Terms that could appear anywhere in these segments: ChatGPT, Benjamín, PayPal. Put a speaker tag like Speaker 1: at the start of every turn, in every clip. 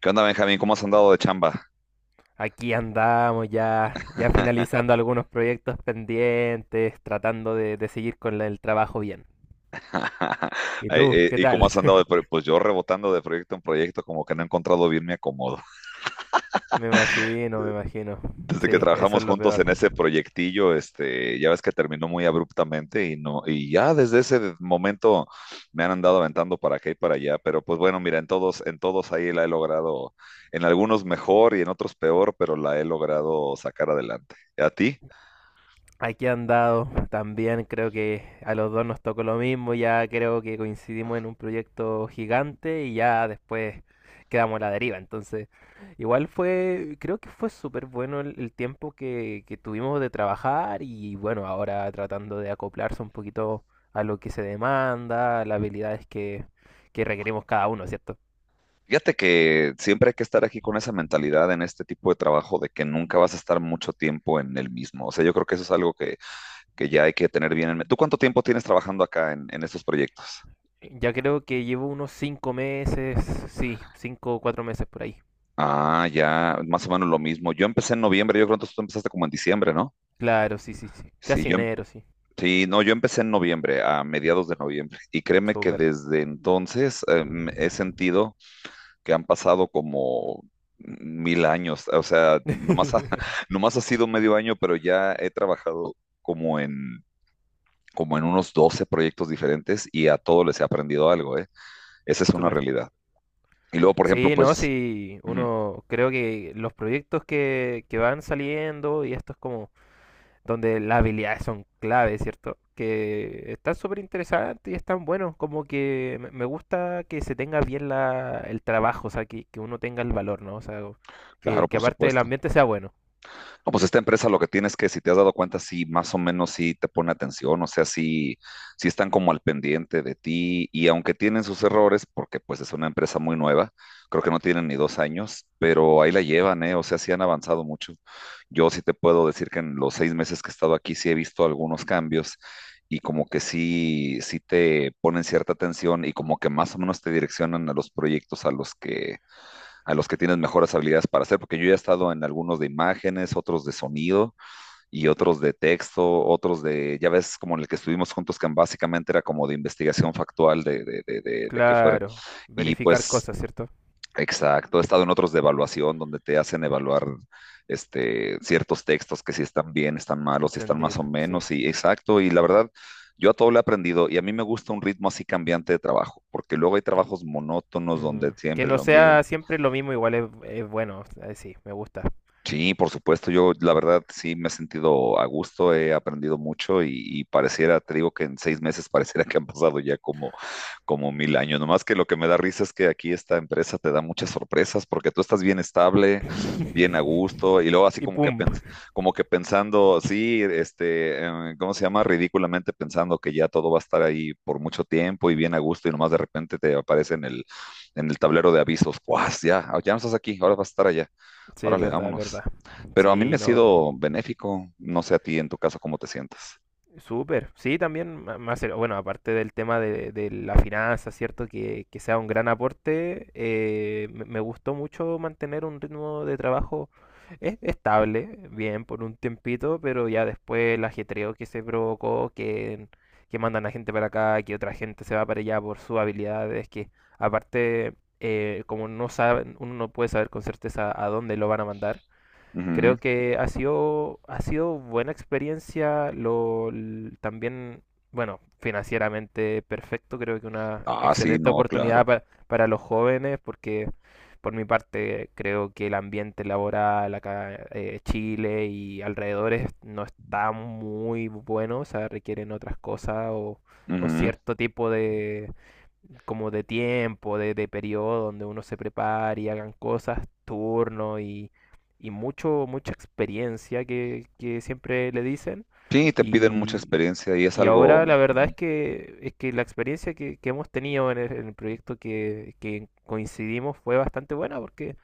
Speaker 1: ¿Qué onda, Benjamín? ¿Cómo has andado de chamba?
Speaker 2: Aquí andamos ya finalizando algunos proyectos pendientes, tratando de seguir con el trabajo bien. ¿Y
Speaker 1: Ay,
Speaker 2: tú? ¿Qué
Speaker 1: ¿Y cómo
Speaker 2: tal?
Speaker 1: has andado de pro- Pues yo rebotando de proyecto en proyecto, como que no he encontrado bien mi acomodo.
Speaker 2: Me imagino, me imagino.
Speaker 1: Desde que
Speaker 2: Sí, eso
Speaker 1: trabajamos
Speaker 2: es lo
Speaker 1: juntos en
Speaker 2: peor.
Speaker 1: ese proyectillo, ya ves que terminó muy abruptamente y no, y ya desde ese momento me han andado aventando para acá y para allá. Pero pues bueno, mira, en todos ahí la he logrado, en algunos mejor y en otros peor, pero la he logrado sacar adelante. ¿A ti?
Speaker 2: Aquí han dado también, creo que a los dos nos tocó lo mismo, ya creo que coincidimos en un proyecto gigante y ya después quedamos a la deriva. Entonces, igual fue, creo que fue súper bueno el tiempo que tuvimos de trabajar y bueno, ahora tratando de acoplarse un poquito a lo que se demanda, a las habilidades que requerimos cada uno, ¿cierto?
Speaker 1: Fíjate que siempre hay que estar aquí con esa mentalidad en este tipo de trabajo de que nunca vas a estar mucho tiempo en el mismo. O sea, yo creo que eso es algo que ya hay que tener bien en mente. ¿Tú cuánto tiempo tienes trabajando acá en estos proyectos?
Speaker 2: Ya creo que llevo unos 5 meses, sí, 5 o 4 meses por ahí.
Speaker 1: Ah, ya, más o menos lo mismo. Yo empecé en noviembre, yo creo que tú empezaste como en diciembre, ¿no?
Speaker 2: Claro, sí, sí, sí.
Speaker 1: Sí,
Speaker 2: Casi enero, sí.
Speaker 1: sí, no, yo empecé en noviembre, a mediados de noviembre. Y créeme que
Speaker 2: Súper.
Speaker 1: desde entonces he sentido que han pasado como mil años. O sea, nomás ha sido medio año, pero ya he trabajado como en, como en unos 12 proyectos diferentes y a todos les he aprendido algo, ¿eh? Esa es una
Speaker 2: Súper.
Speaker 1: realidad. Y luego, por ejemplo,
Speaker 2: Sí, no,
Speaker 1: pues,
Speaker 2: sí,
Speaker 1: ujú,
Speaker 2: uno creo que los proyectos que van saliendo y esto es como donde las habilidades son clave, ¿cierto? Que están súper interesantes y están buenos, como que me gusta que se tenga bien el trabajo, o sea, que uno tenga el valor, ¿no? O sea,
Speaker 1: claro,
Speaker 2: que
Speaker 1: por
Speaker 2: aparte del
Speaker 1: supuesto.
Speaker 2: ambiente sea bueno.
Speaker 1: No, pues esta empresa lo que tienes es que si te has dado cuenta, sí, más o menos sí te pone atención. O sea, sí, sí están como al pendiente de ti y aunque tienen sus errores, porque pues es una empresa muy nueva, creo que no tienen ni 2 años, pero ahí la llevan, ¿eh? O sea, sí han avanzado mucho. Yo sí te puedo decir que en los seis meses que he estado aquí sí he visto algunos cambios y como que sí, sí te ponen cierta atención y como que más o menos te direccionan a los proyectos a los que tienen mejores habilidades para hacer, porque yo ya he estado en algunos de imágenes, otros de sonido y otros de texto, otros de, ya ves, como en el que estuvimos juntos, que básicamente era como de investigación factual de que fueran.
Speaker 2: Claro,
Speaker 1: Y
Speaker 2: verificar
Speaker 1: pues,
Speaker 2: cosas, ¿cierto?
Speaker 1: exacto, he estado en otros de evaluación, donde te hacen evaluar ciertos textos que si están bien, están malos, si están más o
Speaker 2: Entendible, sí.
Speaker 1: menos, y exacto, y la verdad. Yo a todo le he aprendido y a mí me gusta un ritmo así cambiante de trabajo, porque luego hay trabajos monótonos donde
Speaker 2: Que
Speaker 1: siempre
Speaker 2: no
Speaker 1: lo mismo.
Speaker 2: sea siempre lo mismo, igual es bueno, sí, me gusta.
Speaker 1: Sí, por supuesto, yo la verdad sí me he sentido a gusto, he aprendido mucho y pareciera, te digo que en 6 meses pareciera que han pasado ya como como mil años. Nomás que lo que me da risa es que aquí esta empresa te da muchas sorpresas porque tú estás bien estable, bien a gusto y luego así
Speaker 2: Y
Speaker 1: como que,
Speaker 2: pum.
Speaker 1: como que pensando, sí, ¿cómo se llama? Ridículamente pensando que ya todo va a estar ahí por mucho tiempo y bien a gusto y nomás de repente te aparece en el tablero de avisos, ¡guas! Ya, ya no estás aquí, ahora vas a estar allá.
Speaker 2: Sí, es
Speaker 1: Órale,
Speaker 2: verdad, es
Speaker 1: vámonos.
Speaker 2: verdad.
Speaker 1: Pero a mí me
Speaker 2: Sí,
Speaker 1: ha
Speaker 2: no.
Speaker 1: sido benéfico. No sé a ti en tu caso cómo te sientes.
Speaker 2: Súper, sí, también, más, bueno, aparte del tema de la finanza, ¿cierto? Que sea un gran aporte, me, me gustó mucho mantener un ritmo de trabajo estable, bien, por un tiempito, pero ya después el ajetreo que se provocó, que mandan a gente para acá, que otra gente se va para allá por sus habilidades, que aparte, como no saben, uno no puede saber con certeza a dónde lo van a mandar.
Speaker 1: Ujú.
Speaker 2: Creo que ha sido buena experiencia, también, bueno, financieramente perfecto, creo que una
Speaker 1: Ah, sí,
Speaker 2: excelente
Speaker 1: no,
Speaker 2: oportunidad
Speaker 1: claro.
Speaker 2: para los jóvenes, porque por mi parte creo que el ambiente laboral acá Chile y alrededores no está muy bueno, o sea, requieren otras cosas o
Speaker 1: Ujú.
Speaker 2: cierto tipo como de tiempo, de periodo donde uno se prepare y hagan cosas, turno y mucho, mucha experiencia que siempre le dicen.
Speaker 1: Sí, te piden mucha
Speaker 2: Y,
Speaker 1: experiencia y es
Speaker 2: y
Speaker 1: algo.
Speaker 2: ahora la verdad
Speaker 1: Ujú.
Speaker 2: es que la experiencia que hemos tenido en el proyecto que coincidimos fue bastante buena porque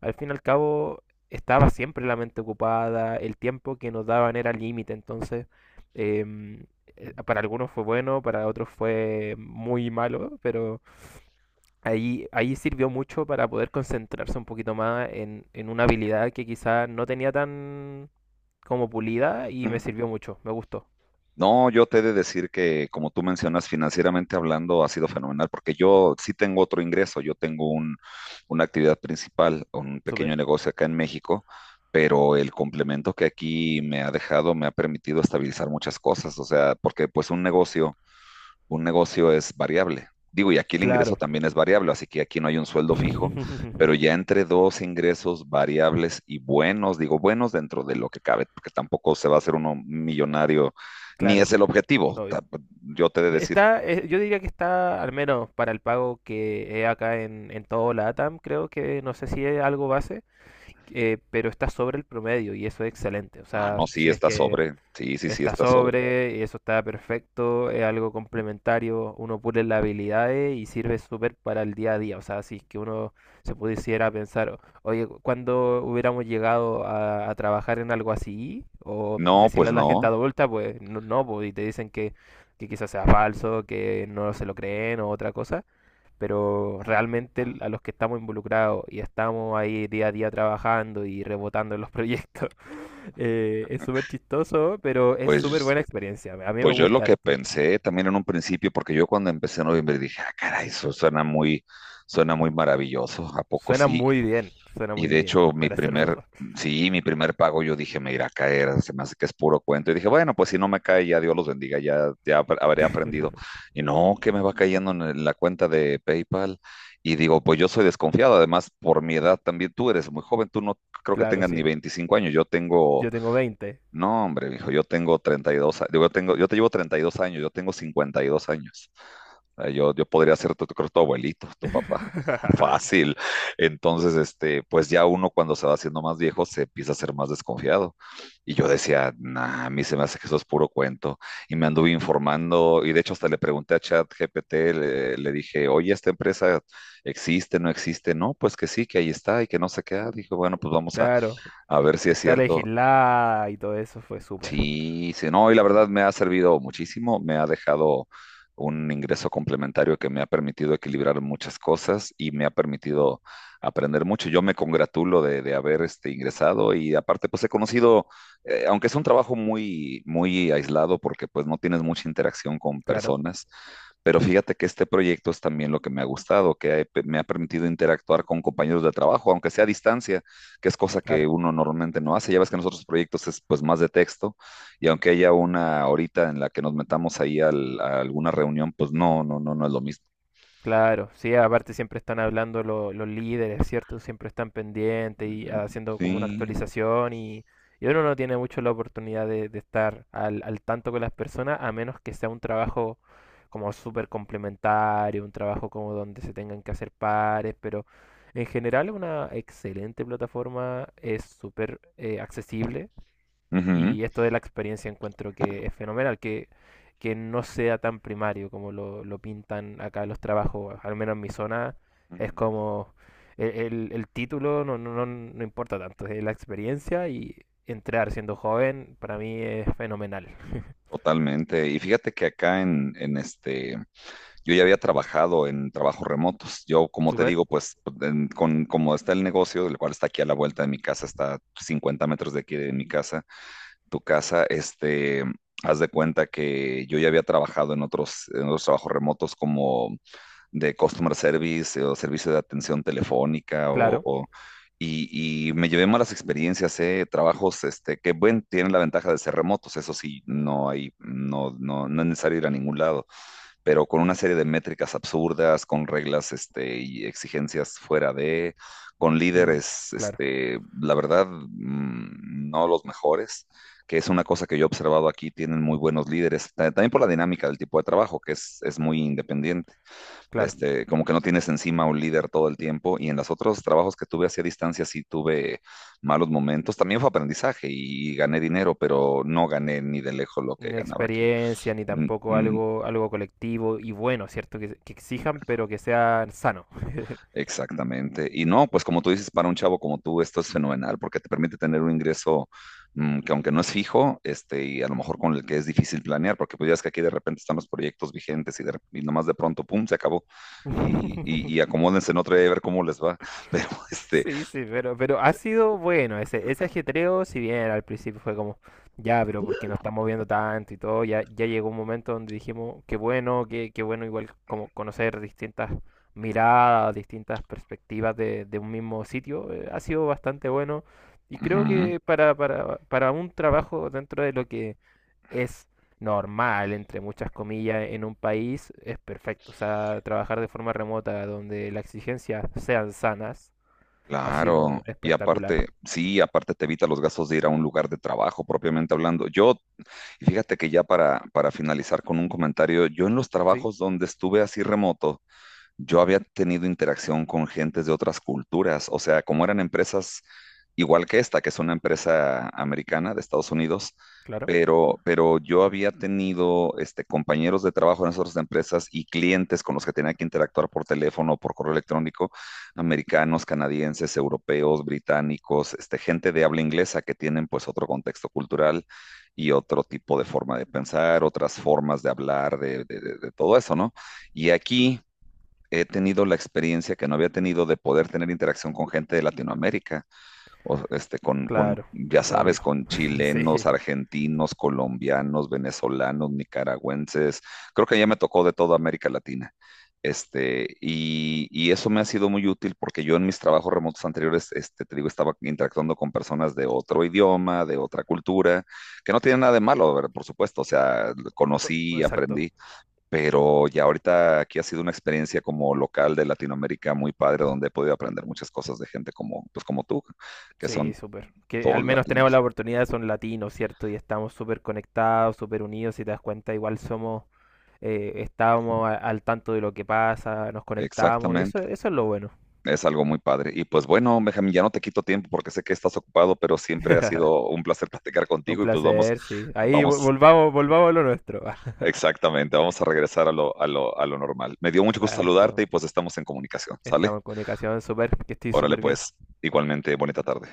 Speaker 2: al fin y al cabo estaba siempre la mente ocupada, el tiempo que nos daban era límite, entonces em, para algunos fue bueno, para otros fue muy malo, pero ahí, ahí sirvió mucho para poder concentrarse un poquito más en una habilidad que quizás no tenía tan como pulida y
Speaker 1: Ujú.
Speaker 2: me sirvió mucho, me gustó,
Speaker 1: No, yo te he de decir que, como tú mencionas, financieramente hablando ha sido fenomenal, porque yo sí tengo otro ingreso, yo tengo una actividad principal, un pequeño
Speaker 2: súper.
Speaker 1: negocio acá en México, pero el complemento que aquí me ha dejado me ha permitido estabilizar muchas cosas. O sea, porque pues un negocio es variable. Digo, y aquí el ingreso
Speaker 2: Claro.
Speaker 1: también es variable, así que aquí no hay un sueldo fijo, pero ya entre dos ingresos variables y buenos, digo buenos dentro de lo que cabe, porque tampoco se va a hacer uno millonario, ni
Speaker 2: Claro,
Speaker 1: es el objetivo.
Speaker 2: obvio.
Speaker 1: Yo te he de decir,
Speaker 2: Está, yo diría que está, al menos para el pago que es acá en todo la ATAM, creo que no sé si es algo base, pero está sobre el promedio y eso es excelente. O
Speaker 1: ah,
Speaker 2: sea,
Speaker 1: no, sí
Speaker 2: si es
Speaker 1: está
Speaker 2: que
Speaker 1: sobre, sí, sí, sí
Speaker 2: está
Speaker 1: está sobre.
Speaker 2: sobre, y eso está perfecto, es algo complementario, uno pule las habilidades y sirve súper para el día a día, o sea, si es que uno se pudiera pensar, oye, ¿cuándo hubiéramos llegado a trabajar en algo así? O
Speaker 1: No,
Speaker 2: decirle
Speaker 1: pues
Speaker 2: a la
Speaker 1: no,
Speaker 2: gente adulta, pues no, no, pues, y te dicen que quizás sea falso, que no se lo creen o otra cosa, pero realmente a los que estamos involucrados y estamos ahí día a día trabajando y rebotando en los proyectos, es súper chistoso, pero es súper
Speaker 1: pues,
Speaker 2: buena experiencia. A mí me
Speaker 1: pues yo lo
Speaker 2: gusta
Speaker 1: que
Speaker 2: harto.
Speaker 1: pensé también en un principio, porque yo cuando empecé en noviembre dije, ah, caray, eso suena muy maravilloso. ¿A poco sí?
Speaker 2: Suena
Speaker 1: Y
Speaker 2: muy
Speaker 1: de
Speaker 2: bien,
Speaker 1: hecho,
Speaker 2: para ser verdad.
Speaker 1: sí, mi primer pago yo dije, me irá a caer, se me hace que es puro cuento. Y dije, bueno, pues si no me cae, ya Dios los bendiga, habré aprendido. Y no, que me va cayendo en la cuenta de PayPal. Y digo, pues yo soy desconfiado, además por mi edad también, tú eres muy joven, tú no creo que
Speaker 2: Claro,
Speaker 1: tengas
Speaker 2: sí.
Speaker 1: ni 25 años, yo tengo
Speaker 2: Yo tengo 20.
Speaker 1: no, hombre, mijo, yo tengo 32, yo te llevo 32 años, yo tengo 52 años. Yo, yo podría ser creo, tu abuelito, tu papá. Fácil. Entonces, pues ya uno cuando se va haciendo más viejo se empieza a ser más desconfiado. Y yo decía, nah, a mí se me hace que eso es puro cuento. Y me anduve informando, y de hecho hasta le pregunté a ChatGPT, le dije, oye, ¿esta empresa existe? No, pues que sí, que ahí está y que no se queda. Dije, bueno, pues vamos
Speaker 2: Claro,
Speaker 1: a ver si
Speaker 2: que
Speaker 1: es
Speaker 2: está
Speaker 1: cierto.
Speaker 2: legislada y todo eso fue súper.
Speaker 1: Sí, sí, no, y la verdad me ha servido muchísimo, me ha dejado un ingreso complementario que me ha permitido equilibrar muchas cosas y me ha permitido aprender mucho. Yo me congratulo de haber ingresado y aparte pues he conocido, aunque es un trabajo muy, muy aislado porque pues no tienes mucha interacción con
Speaker 2: Claro,
Speaker 1: personas, pero fíjate que este proyecto es también lo que me ha gustado, que me ha permitido interactuar con compañeros de trabajo, aunque sea a distancia, que es cosa que
Speaker 2: claro.
Speaker 1: uno normalmente no hace. Ya ves que en los otros proyectos es pues más de texto y aunque haya una horita en la que nos metamos ahí a alguna reunión, pues no, no, no, no es lo mismo.
Speaker 2: Claro, sí, aparte siempre están hablando los líderes, ¿cierto? Siempre están pendientes y haciendo como una
Speaker 1: Sí,
Speaker 2: actualización y uno no tiene mucho la oportunidad de estar al, al tanto con las personas a menos que sea un trabajo como súper complementario, un trabajo como donde se tengan que hacer pares, pero en general es una excelente plataforma, es súper accesible
Speaker 1: ujú,
Speaker 2: y esto de la experiencia encuentro que es fenomenal, que no sea tan primario como lo pintan acá los trabajos, al menos en mi zona,
Speaker 1: ujú,
Speaker 2: es como el, el título no, no, no, no importa tanto, es la experiencia y entrar siendo joven para mí es fenomenal.
Speaker 1: totalmente. Y fíjate que acá en, yo ya había trabajado en trabajos remotos. Como te
Speaker 2: Súper,
Speaker 1: digo, como está el negocio, el cual está aquí a la vuelta de mi casa, está 50 metros de aquí de mi casa, tu casa, este, haz de cuenta que yo ya había trabajado en otros trabajos remotos como de customer service o servicio de atención telefónica
Speaker 2: claro,
Speaker 1: y me llevé malas experiencias. Eh, trabajos que bueno, tienen la ventaja de ser remotos, eso sí, no, no, no es necesario ir a ningún lado, pero con una serie de métricas absurdas, con reglas y exigencias fuera de, con
Speaker 2: mm,
Speaker 1: líderes,
Speaker 2: claro,
Speaker 1: la verdad, no los mejores, que es una cosa que yo he observado aquí, tienen muy buenos líderes, también por la dinámica del tipo de trabajo, que es muy independiente,
Speaker 2: claro.
Speaker 1: como que no tienes encima un líder todo el tiempo. Y en los otros trabajos que tuve hacia distancia sí tuve malos momentos. También fue aprendizaje y gané dinero, pero no gané ni de lejos lo que
Speaker 2: Ni
Speaker 1: ganaba aquí.
Speaker 2: experiencia, ni
Speaker 1: Mm,
Speaker 2: tampoco
Speaker 1: mm,
Speaker 2: algo, algo colectivo y bueno, ¿cierto? Que exijan, pero que sea sano.
Speaker 1: exactamente. Y no, pues como tú dices, para un chavo como tú, esto es fenomenal porque te permite tener un ingreso, que aunque no es fijo, y a lo mejor con el que es difícil planear, porque pues ya es que aquí de repente están los proyectos vigentes y nomás de pronto, pum, se acabó y acomódense en otra y a ver cómo les va, pero
Speaker 2: Sí, sí, pero ha sido bueno ese ajetreo, si bien al principio fue como, ya, pero porque nos estamos viendo tanto y todo, ya, ya llegó un momento donde dijimos, qué bueno, qué, qué bueno igual como conocer distintas miradas, distintas perspectivas de un mismo sitio, ha sido bastante bueno y creo
Speaker 1: ujú.
Speaker 2: que para un trabajo dentro de lo que es normal, entre muchas comillas, en un país, es perfecto, o sea, trabajar de forma remota donde las exigencias sean sanas ha
Speaker 1: Claro,
Speaker 2: sido
Speaker 1: y
Speaker 2: espectacular.
Speaker 1: aparte, sí, aparte te evita los gastos de ir a un lugar de trabajo, propiamente hablando. Y fíjate que ya para finalizar con un comentario, yo en los
Speaker 2: Sí,
Speaker 1: trabajos donde estuve así remoto, yo había tenido interacción con gentes de otras culturas. O sea, como eran empresas igual que esta, que es una empresa americana de Estados Unidos,
Speaker 2: claro.
Speaker 1: pero, yo había tenido compañeros de trabajo en esas otras empresas y clientes con los que tenía que interactuar por teléfono, por correo electrónico, americanos, canadienses, europeos, británicos, gente de habla inglesa que tienen pues otro contexto cultural y otro tipo de forma de pensar, otras formas de hablar, de todo eso, ¿no? Y aquí he tenido la experiencia que no había tenido de poder tener interacción con gente de Latinoamérica, o
Speaker 2: Claro,
Speaker 1: ya sabes,
Speaker 2: obvio.
Speaker 1: con
Speaker 2: Sí,
Speaker 1: chilenos, argentinos, colombianos, venezolanos, nicaragüenses. Creo que ya me tocó de toda América Latina. Y y eso me ha sido muy útil porque yo en mis trabajos remotos anteriores, te digo, estaba interactuando con personas de otro idioma, de otra cultura, que no tiene nada de malo, a por supuesto, o sea,
Speaker 2: o-
Speaker 1: conocí,
Speaker 2: exacto.
Speaker 1: aprendí, pero ya ahorita aquí ha sido una experiencia como local de Latinoamérica muy padre, donde he podido aprender muchas cosas de gente como, pues como tú, que son
Speaker 2: Sí, súper. Que al
Speaker 1: todos
Speaker 2: menos tenemos la
Speaker 1: latinos.
Speaker 2: oportunidad, son latinos, ¿cierto? Y estamos súper conectados, súper unidos. Si te das cuenta, igual somos, estábamos al tanto de lo que pasa, nos conectamos y eso,
Speaker 1: Exactamente.
Speaker 2: eso es lo bueno.
Speaker 1: Es algo muy padre. Y pues bueno, Benjamín, ya no te quito tiempo porque sé que estás ocupado, pero siempre ha sido un placer platicar
Speaker 2: Un
Speaker 1: contigo y pues vamos,
Speaker 2: placer, sí. Ahí
Speaker 1: vamos,
Speaker 2: volvamos, volvamos a lo nuestro.
Speaker 1: exactamente, vamos a regresar a lo, a lo normal. Me dio mucho gusto saludarte
Speaker 2: Exacto.
Speaker 1: y pues estamos en comunicación, ¿sale?
Speaker 2: Estamos en comunicación, súper, que estoy
Speaker 1: Órale
Speaker 2: súper bien.
Speaker 1: pues, igualmente, bonita tarde.